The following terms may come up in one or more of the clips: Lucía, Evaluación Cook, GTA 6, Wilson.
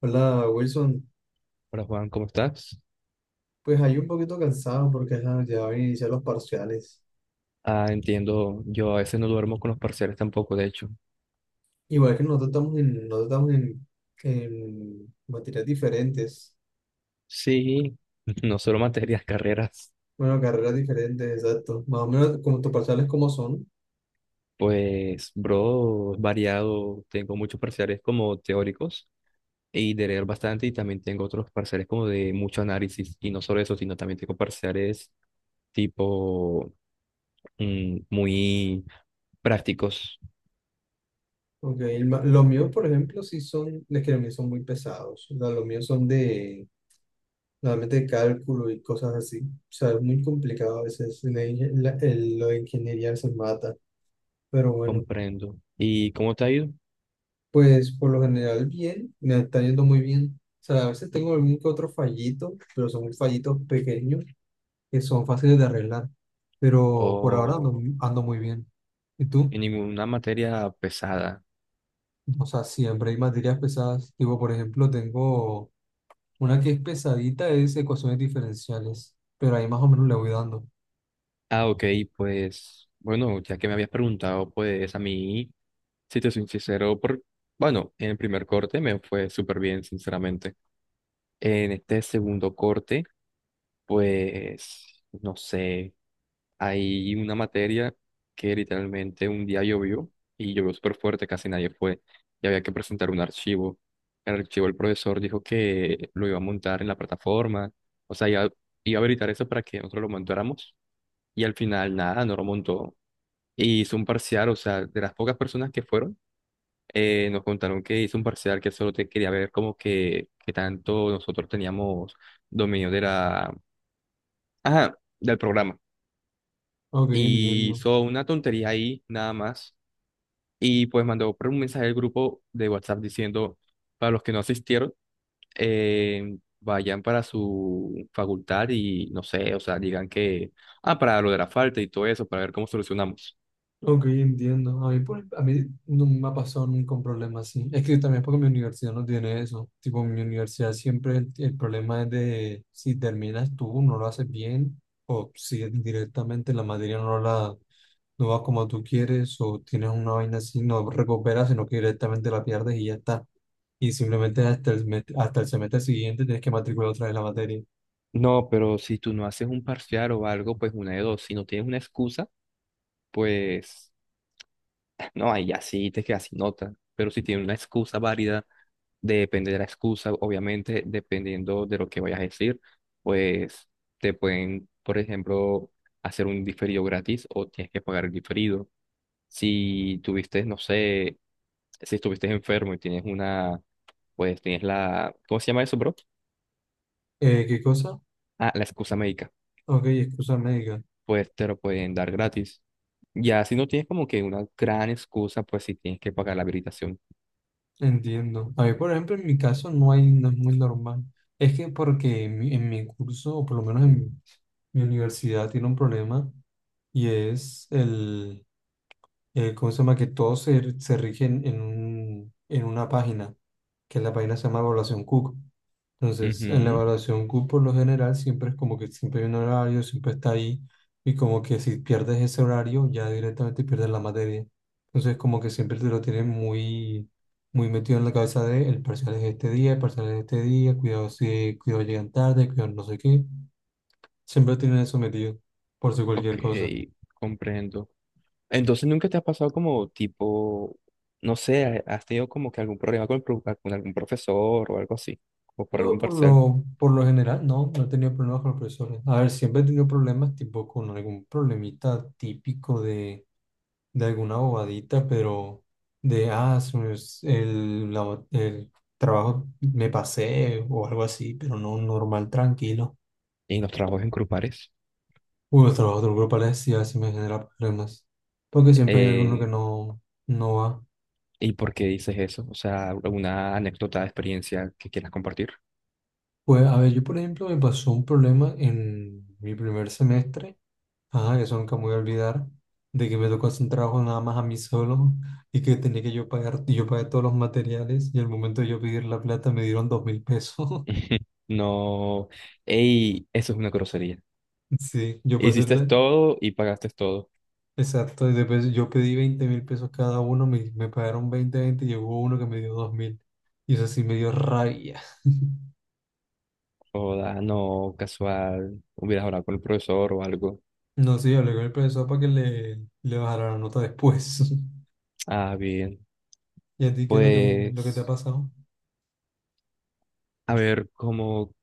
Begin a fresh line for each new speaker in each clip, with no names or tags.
Hola Wilson,
Hola Juan, ¿cómo estás?
pues ahí un poquito cansado porque ajá, ya van a iniciar los parciales.
Ah, entiendo, yo a veces no duermo con los parciales tampoco, de hecho.
Igual que nosotros estamos en, en materias diferentes,
Sí, no solo materias, carreras.
bueno, carreras diferentes, exacto. Más o menos como tus parciales como son,
Pues, bro, variado, tengo muchos parciales como teóricos y de leer bastante y también tengo otros parciales como de mucho análisis y no solo eso, sino también tengo parciales tipo muy prácticos,
porque los míos, por ejemplo, sí son, les que los míos son muy pesados. O sea, los míos son de, normalmente cálculo y cosas así. O sea, es muy complicado a veces. La inge- la- el- Lo de ingeniería se mata, pero bueno.
comprendo. ¿Y cómo te ha ido?
Pues por lo general bien, me está yendo muy bien. O sea, a veces tengo algún que otro fallito, pero son fallitos pequeños que son fáciles de arreglar. Pero por ahora ando,
¿O
ando muy bien. ¿Y tú?
en ninguna materia pesada?
O sea, siempre hay materias pesadas. Tipo, por ejemplo, tengo una que es pesadita, es ecuaciones diferenciales, pero ahí más o menos le voy dando.
Ah, ok, pues bueno, ya que me habías preguntado, pues a mí, si te soy sincero, por, bueno, en el primer corte me fue súper bien, sinceramente. En este segundo corte, pues, no sé, hay una materia que literalmente un día llovió y llovió súper fuerte, casi nadie fue y había que presentar un archivo. El archivo el profesor dijo que lo iba a montar en la plataforma, o sea, iba a habilitar eso para que nosotros lo montáramos y al final nada, no lo montó. Y hizo un parcial, o sea, de las pocas personas que fueron, nos contaron que hizo un parcial que solo te quería ver como que tanto nosotros teníamos dominio de la, ajá, del programa.
Ok,
Y
entiendo.
hizo una tontería ahí, nada más. Y pues mandó por un mensaje al grupo de WhatsApp diciendo, para los que no asistieron, vayan para su facultad y no sé, o sea, digan que, ah, para lo de la falta y todo eso, para ver cómo solucionamos.
Ok, entiendo. A mí, a mí no me ha pasado nunca un problema así. Es que también es porque mi universidad no tiene eso. Tipo, mi universidad siempre el problema es de si terminas tú, no lo haces bien, o si directamente la materia no va como tú quieres, o tienes una vaina así, no recuperas, sino que directamente la pierdes y ya está. Y simplemente hasta hasta el semestre siguiente tienes que matricular otra vez la materia.
No, pero si tú no haces un parcial o algo, pues una de dos. Si no tienes una excusa, pues no, ahí ya sí te quedas sin nota. Pero si tienes una excusa válida, depende de la excusa, obviamente, dependiendo de lo que vayas a decir, pues te pueden, por ejemplo, hacer un diferido gratis o tienes que pagar el diferido. Si tuviste, no sé, si estuviste enfermo y tienes una, pues tienes la, ¿cómo se llama eso, bro?
¿Qué cosa?
Ah, la excusa médica.
Ok, excusa médica.
Pues te lo pueden dar gratis. Ya si no tienes como que una gran excusa, pues si tienes que pagar la habilitación.
Entiendo. A mí, por ejemplo, en mi caso no hay, no es muy normal. Es que porque en mi curso, o por lo menos en mi, mi universidad, tiene un problema y es el, ¿cómo se llama? Que todos se, se rigen en un, en una página, que la página se llama Evaluación Cook. Entonces, en la
Ujú.
evaluación Q por lo general siempre es como que siempre hay un horario, siempre está ahí, y como que si pierdes ese horario, ya directamente pierdes la materia. Entonces, como que siempre te lo tienen muy, muy metido en la cabeza de el parcial es este día, el parcial es este día, cuidado si, cuidado llegan tarde, cuidado no sé qué. Siempre tienen eso metido, por si
Ok,
cualquier cosa.
comprendo. Entonces, ¿nunca te ha pasado como tipo, no sé, has tenido como que algún problema con, el pro- con algún profesor o algo así, o por
No,
algún parcial
por lo general, no, no he tenido problemas con los profesores. A ver, siempre he tenido problemas tipo con algún problemita típico de alguna bobadita, pero de, ah, se me es- el, la- el trabajo me pasé o algo así, pero no normal, tranquilo.
en los trabajos en grupales?
Uy, los trabajos del grupo sí así me genera problemas, porque siempre hay alguno
Eh,
que no, no va.
¿Y por qué dices eso? O sea, alguna anécdota de experiencia que quieras compartir.
Pues, a ver, yo por ejemplo me pasó un problema en mi primer semestre. Ajá, eso nunca me voy a olvidar, de que me tocó hacer un trabajo nada más a mí solo y que tenía que yo pagar, y yo pagué todos los materiales y al momento de yo pedir la plata me dieron 2.000 pesos.
No, ey, eso es una grosería.
Sí, yo pasé el...
Hiciste
de-
todo y pagaste todo.
Exacto, y después yo pedí 20.000 pesos cada uno, me pagaron 20, 20 y llegó uno que me dio 2.000. Y eso sí me dio rabia.
Joda, no, casual. Hubieras hablado con el profesor o algo.
No, sí, hablé con el profesor para que le bajara la nota después.
Ah, bien.
¿Y a ti qué es lo que te ha
Pues,
pasado?
a ver, como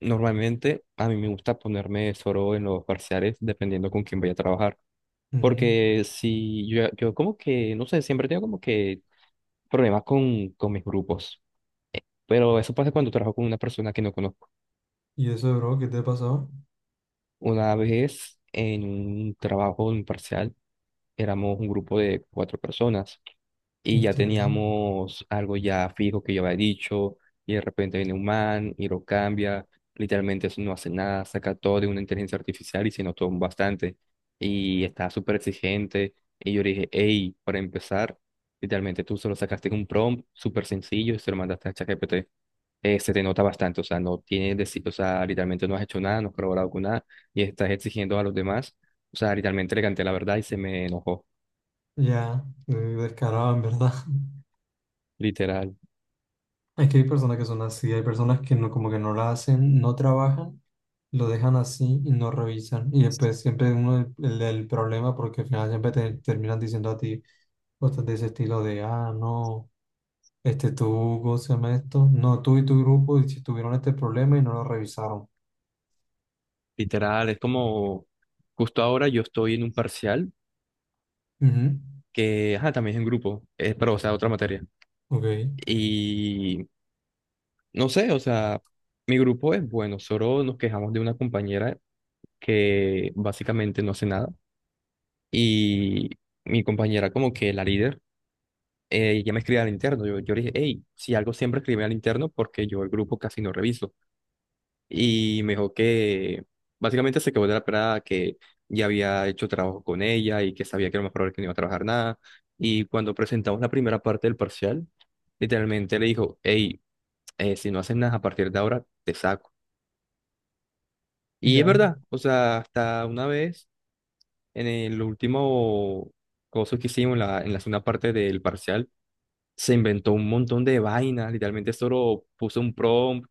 normalmente a mí me gusta ponerme solo en los parciales dependiendo con quién voy a trabajar.
Ujú.
Porque si yo como que, no sé, siempre tengo como que problemas con mis grupos. Eh, Pero eso pasa cuando trabajo con una persona que no conozco.
¿Y eso, bro, qué te ha pasado?
Una vez en un trabajo, en un parcial, éramos un grupo de cuatro personas, y ya
Entiendo.
teníamos algo ya fijo que yo había dicho, y de repente viene un man y lo cambia, literalmente eso no hace nada, saca todo de una inteligencia artificial y se notó bastante, y está súper exigente, y yo le dije, hey, para empezar, literalmente tú solo sacaste un prompt súper sencillo y se lo mandaste a ChatGPT. Se te nota bastante, o sea, no tienes, deci- o sea, literalmente no has hecho nada, no has colaborado con nada, y estás exigiendo a los demás, o sea, literalmente le canté la verdad y se me enojó,
Ya, descarado en verdad.
literal.
Es que hay personas que son así, hay personas que no, como que no la hacen, no trabajan, lo dejan así y no revisan. Y después siempre uno el problema porque al final siempre te terminan diciendo a ti cosas de ese estilo de, ah, no, este tú, ¿cómo se llama esto? No, tú y tu grupo y si tuvieron este problema y no lo revisaron.
Literal, es como justo ahora yo estoy en un parcial
Ujú,
que, ajá, también es en grupo, es, pero o sea, otra materia.
Ok,
Y no sé, o sea, mi grupo es bueno, solo nos quejamos de una compañera que básicamente no hace nada. Y mi compañera como que la líder, ella me escribe al interno, yo le dije, hey, si algo siempre escribe al interno porque yo el grupo casi no reviso. Y me dijo que básicamente se quedó de la pelada que ya había hecho trabajo con ella y que sabía que era lo más probable que no iba a trabajar nada. Y cuando presentamos la primera parte del parcial, literalmente le dijo, hey, si no haces nada a partir de ahora, te saco. Y es
ya.
verdad, o sea, hasta una vez en el último coso que hicimos, en la segunda parte del parcial, se inventó un montón de vainas, literalmente solo puso un prompt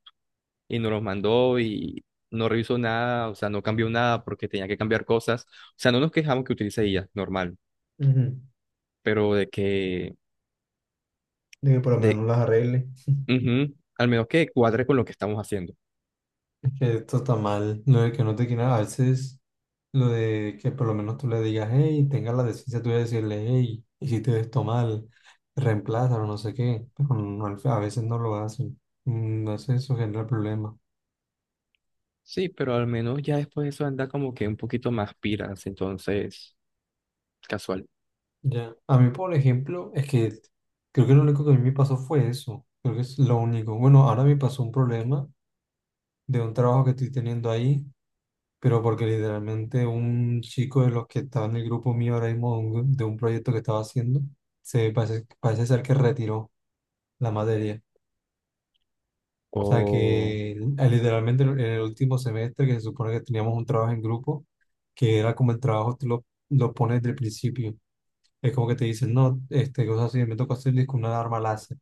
y nos los mandó y no revisó nada, o sea, no cambió nada porque tenía que cambiar cosas. O sea, no nos quejamos que utilice IA, normal,
Ujú.
pero
De que por lo menos no
de,
las arregle.
ujú, al menos que cuadre con lo que estamos haciendo.
Es que esto está mal, no de que no te quieran a veces. Lo de que por lo menos tú le digas, hey, tenga la decencia tú de decirle, hey, hiciste esto mal, reemplázalo, no sé qué, pero no, a veces no lo hacen. Mm, no sé, eso genera problemas.
Sí, pero al menos ya después de eso anda como que un poquito más piras, entonces, casual.
Ya. A mí, por ejemplo, es que creo que lo único que a mí me pasó fue eso. Creo que es lo único. Bueno, ahora me pasó un problema de un trabajo que estoy teniendo ahí, pero porque literalmente un chico de los que estaba en el grupo mío ahora mismo, de un proyecto que estaba haciendo, se parece, parece ser que retiró la materia. O sea
Oh,
que ah, literalmente en el último semestre que se supone que teníamos un trabajo en grupo, que era como el trabajo tú lo pones desde el principio. Es como que te dicen, no, este, cosas así, me tocó hacer con una alarma láser.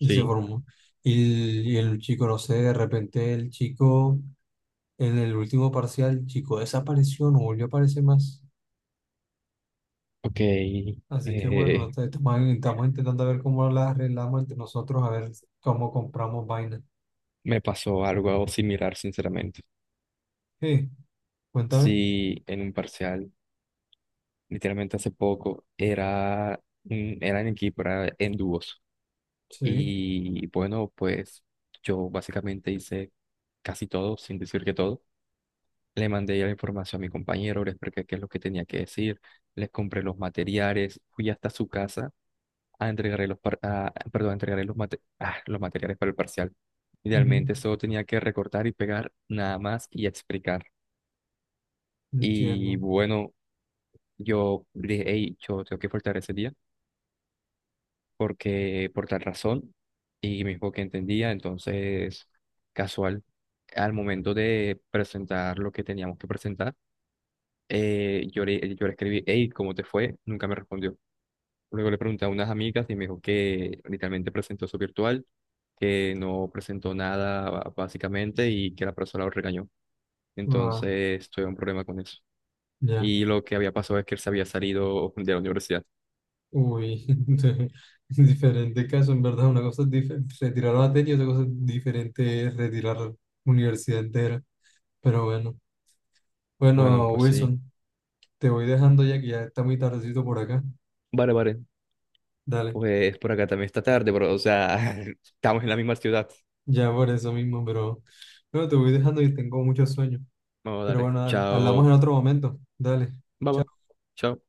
Y se formó. Y el chico, no sé, de repente el chico, en el último parcial, el chico desapareció, no volvió a aparecer más.
ok.
Así que bueno, no
eh,
te- estamos, estamos intentando ver cómo las arreglamos entre nosotros, a ver cómo compramos vainas.
Me pasó algo similar, sinceramente.
Sí, cuéntame.
Sí, en un parcial, literalmente hace poco, era, era en equipo, era en dúos.
Sí,
Y bueno, pues yo básicamente hice casi todo, sin decir que todo. Le mandé ya la información a mi compañero, le expliqué qué es lo que tenía que decir, les compré los materiales, fui hasta su casa a entregarle los, par- a- perdón, a entregarle los, mate- ah, los materiales para el parcial.
ujú,
Idealmente solo tenía que recortar y pegar nada más y explicar. Y
entiendo.
bueno, yo le dije, hey, yo tengo que faltar ese día porque por tal razón y mismo que entendía, entonces casual, al momento de presentar lo que teníamos que presentar, yo le escribí, hey, ¿cómo te fue? Nunca me respondió. Luego le pregunté a unas amigas y me dijo que literalmente presentó su virtual, que no presentó nada básicamente y que la profesora lo regañó.
Ah,
Entonces tuve un problema con eso.
ya.
Y lo que había pasado es que él se había salido de la universidad.
Uy, diferente caso, en verdad. Una cosa es retirar materia, otra cosa es diferente es retirar universidad entera. Pero bueno.
Bueno,
Bueno,
pues sí.
Wilson, te voy dejando ya que ya está muy tardecito por acá.
Vale, vale.
Dale,
Pues por acá también está tarde, bro. O sea, estamos en la misma ciudad.
ya por eso mismo, pero bueno, te voy dejando y tengo mucho sueño.
Vamos a
Pero
darle.
bueno, dale, hablamos en
Chao.
otro momento. Dale.
Baba.
Chao.
Chao.